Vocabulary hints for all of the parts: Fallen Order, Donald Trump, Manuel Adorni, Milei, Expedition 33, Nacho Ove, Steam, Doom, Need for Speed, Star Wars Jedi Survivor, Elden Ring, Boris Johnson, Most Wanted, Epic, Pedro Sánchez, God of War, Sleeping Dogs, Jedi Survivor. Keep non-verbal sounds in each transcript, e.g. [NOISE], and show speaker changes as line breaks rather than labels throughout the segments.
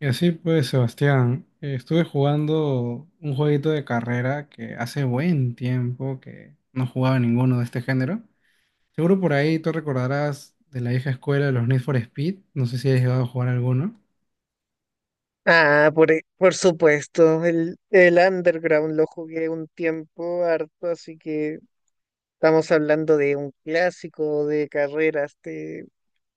Y así pues, Sebastián, estuve jugando un jueguito de carrera que hace buen tiempo que no jugaba ninguno de este género. Seguro por ahí tú recordarás de la vieja escuela de los Need for Speed, no sé si has llegado a jugar alguno.
Por supuesto, el Underground lo jugué un tiempo harto, así que estamos hablando de un clásico de carreras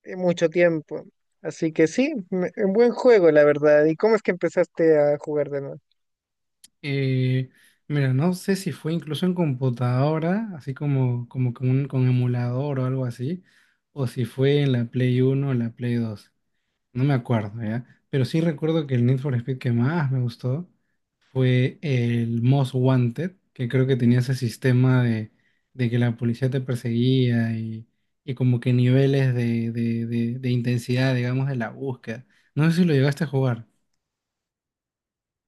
de mucho tiempo. Así que sí, un buen juego, la verdad. ¿Y cómo es que empezaste a jugar de nuevo?
Eh, mira, no sé si fue incluso en computadora, así como con emulador o algo así, o si fue en la Play Uno o la Play Dos. No me acuerdo, ¿ya? Pero sí recuerdo que el Need for Speed que más me gustó fue el Most Wanted, que creo que tenía ese sistema de que la policía te perseguía y como que niveles de intensidad, digamos, de la búsqueda. No sé si lo llegaste a jugar.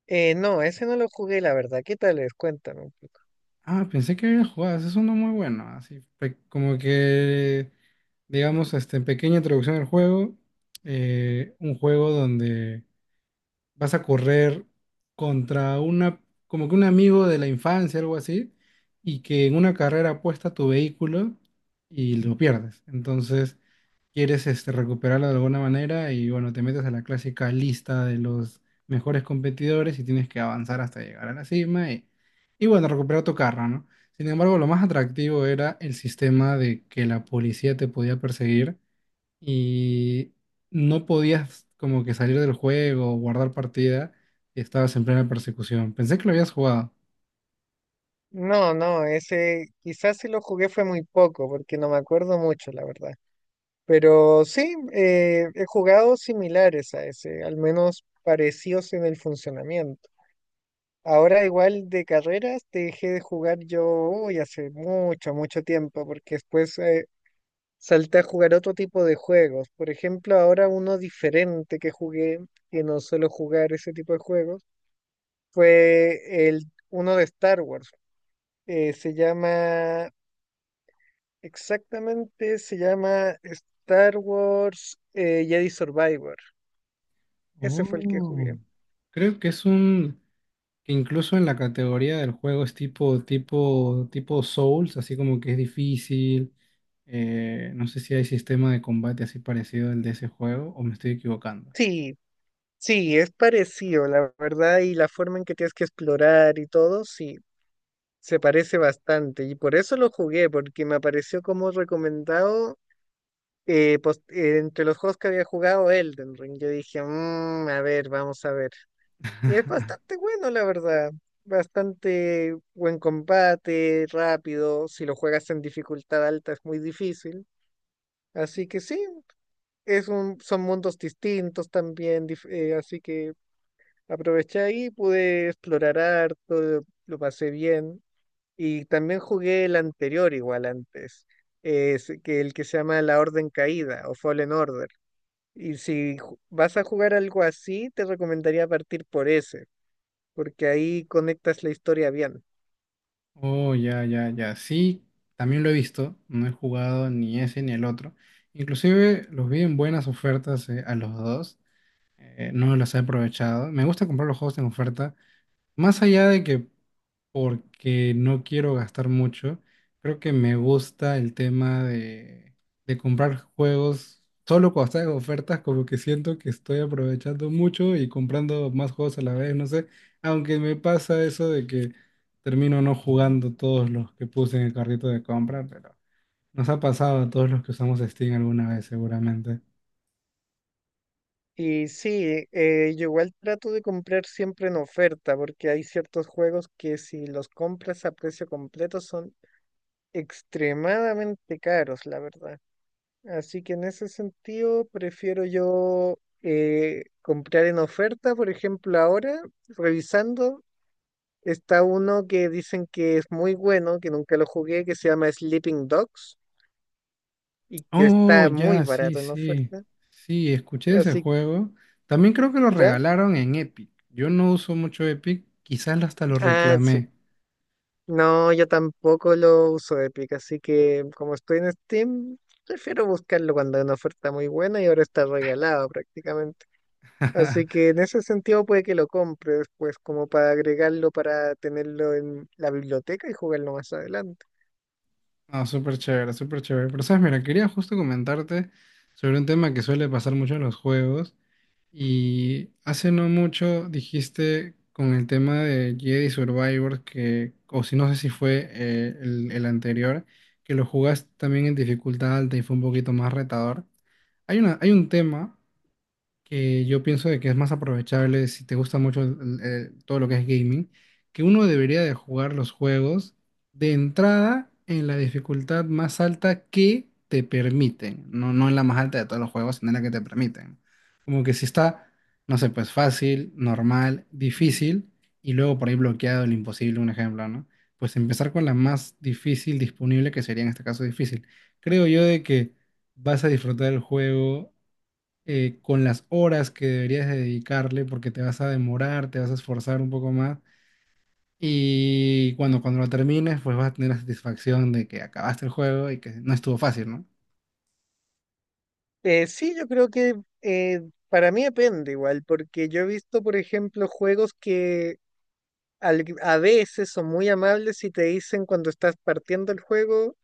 No, ese no lo jugué, la verdad. ¿Qué tal es? Cuéntame un poco.
Ah, pensé que había jugado, ese es uno muy bueno, así como que, digamos, este, pequeña introducción al juego, un juego donde vas a correr contra una, como que un amigo de la infancia, algo así, y que en una carrera apuesta tu vehículo y lo pierdes. Entonces, quieres este, recuperarlo de alguna manera y bueno, te metes a la clásica lista de los mejores competidores y tienes que avanzar hasta llegar a la cima y bueno, recuperar tu carro, ¿no? Sin embargo, lo más atractivo era el sistema de que la policía te podía perseguir y no podías como que salir del juego, guardar partida, y estabas en plena persecución. Pensé que lo habías jugado.
No, no, ese quizás si lo jugué fue muy poco, porque no me acuerdo mucho, la verdad. Pero sí, he jugado similares a ese, al menos parecidos en el funcionamiento. Ahora igual de carreras dejé de jugar yo uy, hace mucho, mucho tiempo, porque después salté a jugar otro tipo de juegos. Por ejemplo, ahora uno diferente que jugué, que no suelo jugar ese tipo de juegos, fue el uno de Star Wars. Eh, se llama, exactamente, se llama Star Wars Jedi Survivor. Ese fue el que
Oh.
jugué.
Creo que es un que incluso en la categoría del juego es tipo Souls, así como que es difícil. No sé si hay sistema de combate así parecido al de ese juego o me estoy equivocando.
Sí, sí, es parecido, la verdad, y la forma en que tienes que explorar y todo, sí, se parece bastante. Y por eso lo jugué, porque me apareció como recomendado entre los juegos que había jugado Elden Ring. Yo dije, "Mm, a ver, vamos a ver". Y es
[LAUGHS]
bastante bueno, la verdad. Bastante buen combate, rápido. Si lo juegas en dificultad alta es muy difícil. Así que sí, son mundos distintos también, así que aproveché ahí, pude explorar harto, lo pasé bien. Y también jugué el anterior igual antes, es que el que se llama La Orden Caída o Fallen Order. Y si vas a jugar algo así, te recomendaría partir por ese, porque ahí conectas la historia bien.
Oh, ya, ya, ya. Sí, también lo he visto. No he jugado ni ese ni el otro. Inclusive los vi en buenas ofertas a los dos. No las he aprovechado. Me gusta comprar los juegos en oferta. Más allá de que porque no quiero gastar mucho, creo que me gusta el tema de comprar juegos solo cuando están en ofertas, como que siento que estoy aprovechando mucho y comprando más juegos a la vez, no sé, aunque me pasa eso de que termino no jugando todos los que puse en el carrito de compra, pero nos ha pasado a todos los que usamos Steam alguna vez seguramente.
Y sí, yo igual trato de comprar siempre en oferta, porque hay ciertos juegos que si los compras a precio completo son extremadamente caros, la verdad. Así que en ese sentido prefiero yo comprar en oferta, por ejemplo, ahora, revisando, está uno que dicen que es muy bueno, que nunca lo jugué, que se llama Sleeping Dogs y que
Oh,
está muy
ya, sí,
barato en
sí.
oferta.
Sí, escuché ese
Así,
juego. También creo que lo
¿ya?
regalaron en Epic. Yo no uso mucho Epic, quizás hasta lo
Ah,
reclamé.
sí. No, yo tampoco lo uso Epic, así que como estoy en Steam, prefiero buscarlo cuando hay una oferta muy buena y ahora está regalado prácticamente. Así
[LAUGHS]
que en ese sentido puede que lo compres, pues como para agregarlo, para tenerlo en la biblioteca y jugarlo más adelante.
No, súper chévere, súper chévere. Pero sabes, mira, quería justo comentarte sobre un tema que suele pasar mucho en los juegos. Y hace no mucho dijiste con el tema de Jedi Survivor que, o si no sé si fue el anterior, que lo jugaste también en dificultad alta y fue un poquito más retador. Hay un tema que yo pienso de que es más aprovechable si te gusta mucho todo lo que es gaming, que uno debería de jugar los juegos de entrada en la dificultad más alta que te permiten, no, no en la más alta de todos los juegos, sino en la que te permiten. Como que si está, no sé, pues fácil, normal, difícil y luego por ahí bloqueado el imposible, un ejemplo, ¿no? Pues empezar con la más difícil disponible, que sería en este caso difícil. Creo yo de que vas a disfrutar el juego con las horas que deberías de dedicarle, porque te vas a demorar, te vas a esforzar un poco más. Y cuando lo termines, pues vas a tener la satisfacción de que acabaste el juego y que no estuvo fácil, ¿no?
Sí, yo creo que eh, para mí depende igual, porque yo he visto, por ejemplo, juegos que a veces son muy amables y te dicen cuando estás partiendo el juego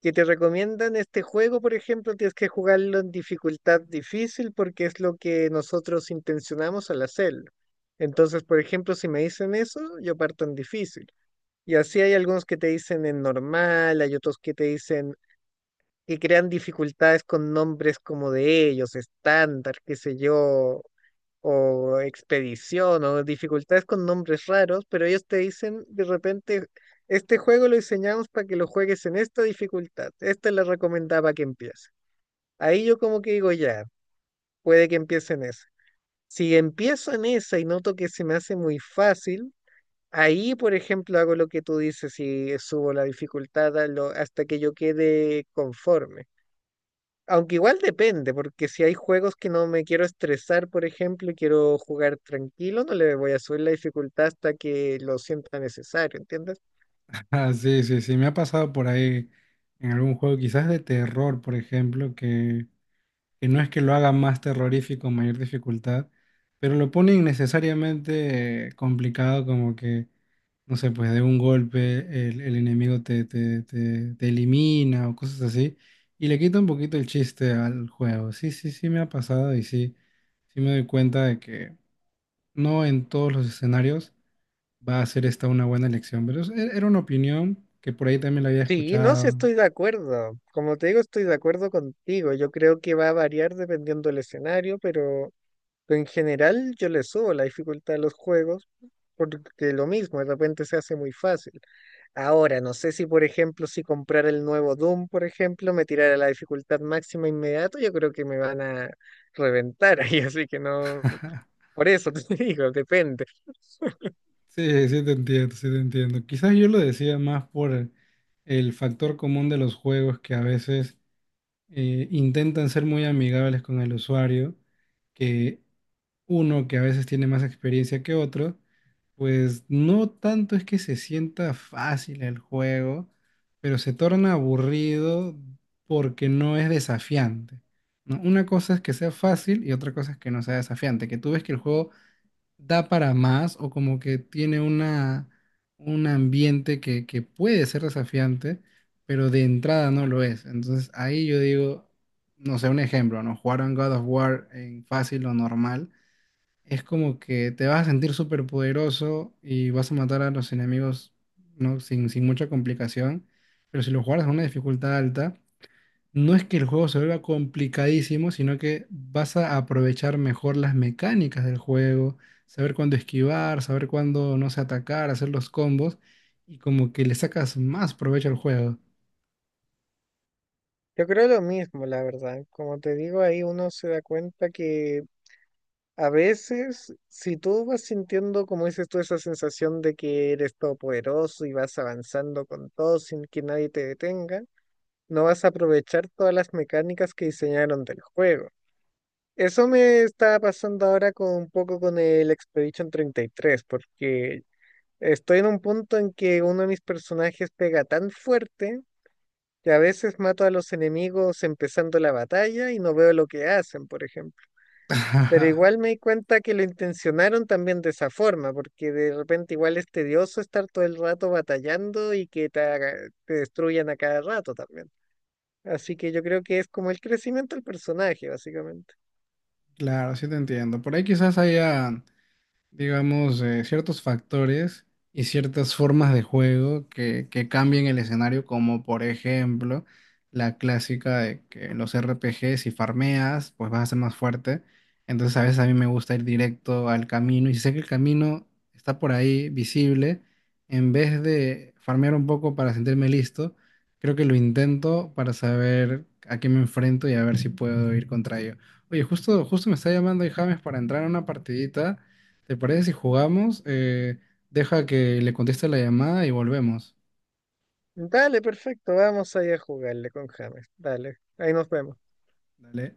que te recomiendan este juego, por ejemplo, tienes que jugarlo en dificultad difícil porque es lo que nosotros intencionamos al hacerlo. Entonces, por ejemplo, si me dicen eso, yo parto en difícil. Y así hay algunos que te dicen en normal, hay otros que te dicen que crean dificultades con nombres como de ellos, estándar, qué sé yo, o expedición, o dificultades con nombres raros, pero ellos te dicen de repente, este juego lo diseñamos para que lo juegues en esta dificultad, esta es la recomendada para que empiece. Ahí yo como que digo, ya, puede que empiece en esa. Si empiezo en esa y noto que se me hace muy fácil, ahí, por ejemplo, hago lo que tú dices y subo la dificultad hasta que yo quede conforme. Aunque igual depende, porque si hay juegos que no me quiero estresar, por ejemplo, y quiero jugar tranquilo, no le voy a subir la dificultad hasta que lo sienta necesario, ¿entiendes?
Ah, sí, sí, sí, me ha pasado por ahí en algún juego, quizás de terror, por ejemplo, que no es que lo haga más terrorífico, mayor dificultad, pero lo pone innecesariamente complicado, como que, no sé, pues de un golpe el enemigo te elimina o cosas así, y le quita un poquito el chiste al juego. Sí, sí, sí me ha pasado y sí, sí me doy cuenta de que no en todos los escenarios va a ser esta una buena elección, pero era una opinión que por ahí también la había
Sí, no sé,
escuchado.
estoy de acuerdo. Como te digo, estoy de acuerdo contigo. Yo creo que va a variar dependiendo del escenario, pero en general yo le subo la dificultad a los juegos porque lo mismo, de repente se hace muy fácil. Ahora, no sé si, por ejemplo, si comprar el nuevo Doom, por ejemplo, me tirara a la dificultad máxima inmediato, yo creo que me van a reventar ahí, [LAUGHS] así que no,
[LAUGHS]
por eso te [LAUGHS] digo, depende.
Sí, sí te entiendo, sí te entiendo. Quizás yo lo decía más por el factor común de los juegos que a veces intentan ser muy amigables con el usuario, que uno que a veces tiene más experiencia que otro, pues no tanto es que se sienta fácil el juego, pero se torna aburrido porque no es desafiante, ¿no? Una cosa es que sea fácil y otra cosa es que no sea desafiante, que tú ves que el juego da para más o como que tiene una, un ambiente que puede ser desafiante, pero de entrada no lo es. Entonces ahí yo digo, no sé, un ejemplo, ¿no? Jugar un God of War en fácil o normal es como que te vas a sentir súper poderoso y vas a matar a los enemigos, ¿no? Sin, sin mucha complicación, pero si lo jugaras en una dificultad alta, no es que el juego se vuelva complicadísimo, sino que vas a aprovechar mejor las mecánicas del juego, saber cuándo esquivar, saber cuándo, no sé, atacar, hacer los combos, y como que le sacas más provecho al juego.
Yo creo lo mismo, la verdad. Como te digo, ahí uno se da cuenta que a veces, si tú vas sintiendo, como dices tú, esa sensación de que eres todopoderoso y vas avanzando con todo sin que nadie te detenga, no vas a aprovechar todas las mecánicas que diseñaron del juego. Eso me está pasando ahora con un poco con el Expedition 33, porque estoy en un punto en que uno de mis personajes pega tan fuerte que a veces mato a los enemigos empezando la batalla y no veo lo que hacen, por ejemplo. Pero
[LAUGHS]
igual me di cuenta que lo intencionaron también de esa forma, porque de repente igual es tedioso estar todo el rato batallando y que te destruyan a cada rato también. Así que yo creo que es como el crecimiento del personaje, básicamente.
Claro, sí te entiendo. Por ahí quizás haya. Digamos, ciertos factores y ciertas formas de juego que cambien el escenario, como por ejemplo la clásica de que los RPGs, si farmeas, pues vas a ser más fuerte. Entonces a veces a mí me gusta ir directo al camino y si sé que el camino está por ahí visible, en vez de farmear un poco para sentirme listo, creo que lo intento para saber a qué me enfrento y a ver si puedo ir contra ello. Oye, justo, justo me está llamando ahí James para entrar a una partidita. ¿Te parece si jugamos? Deja que le conteste la llamada y volvemos.
Dale, perfecto, vamos ahí a jugarle con James. Dale, ahí nos vemos.
Dale.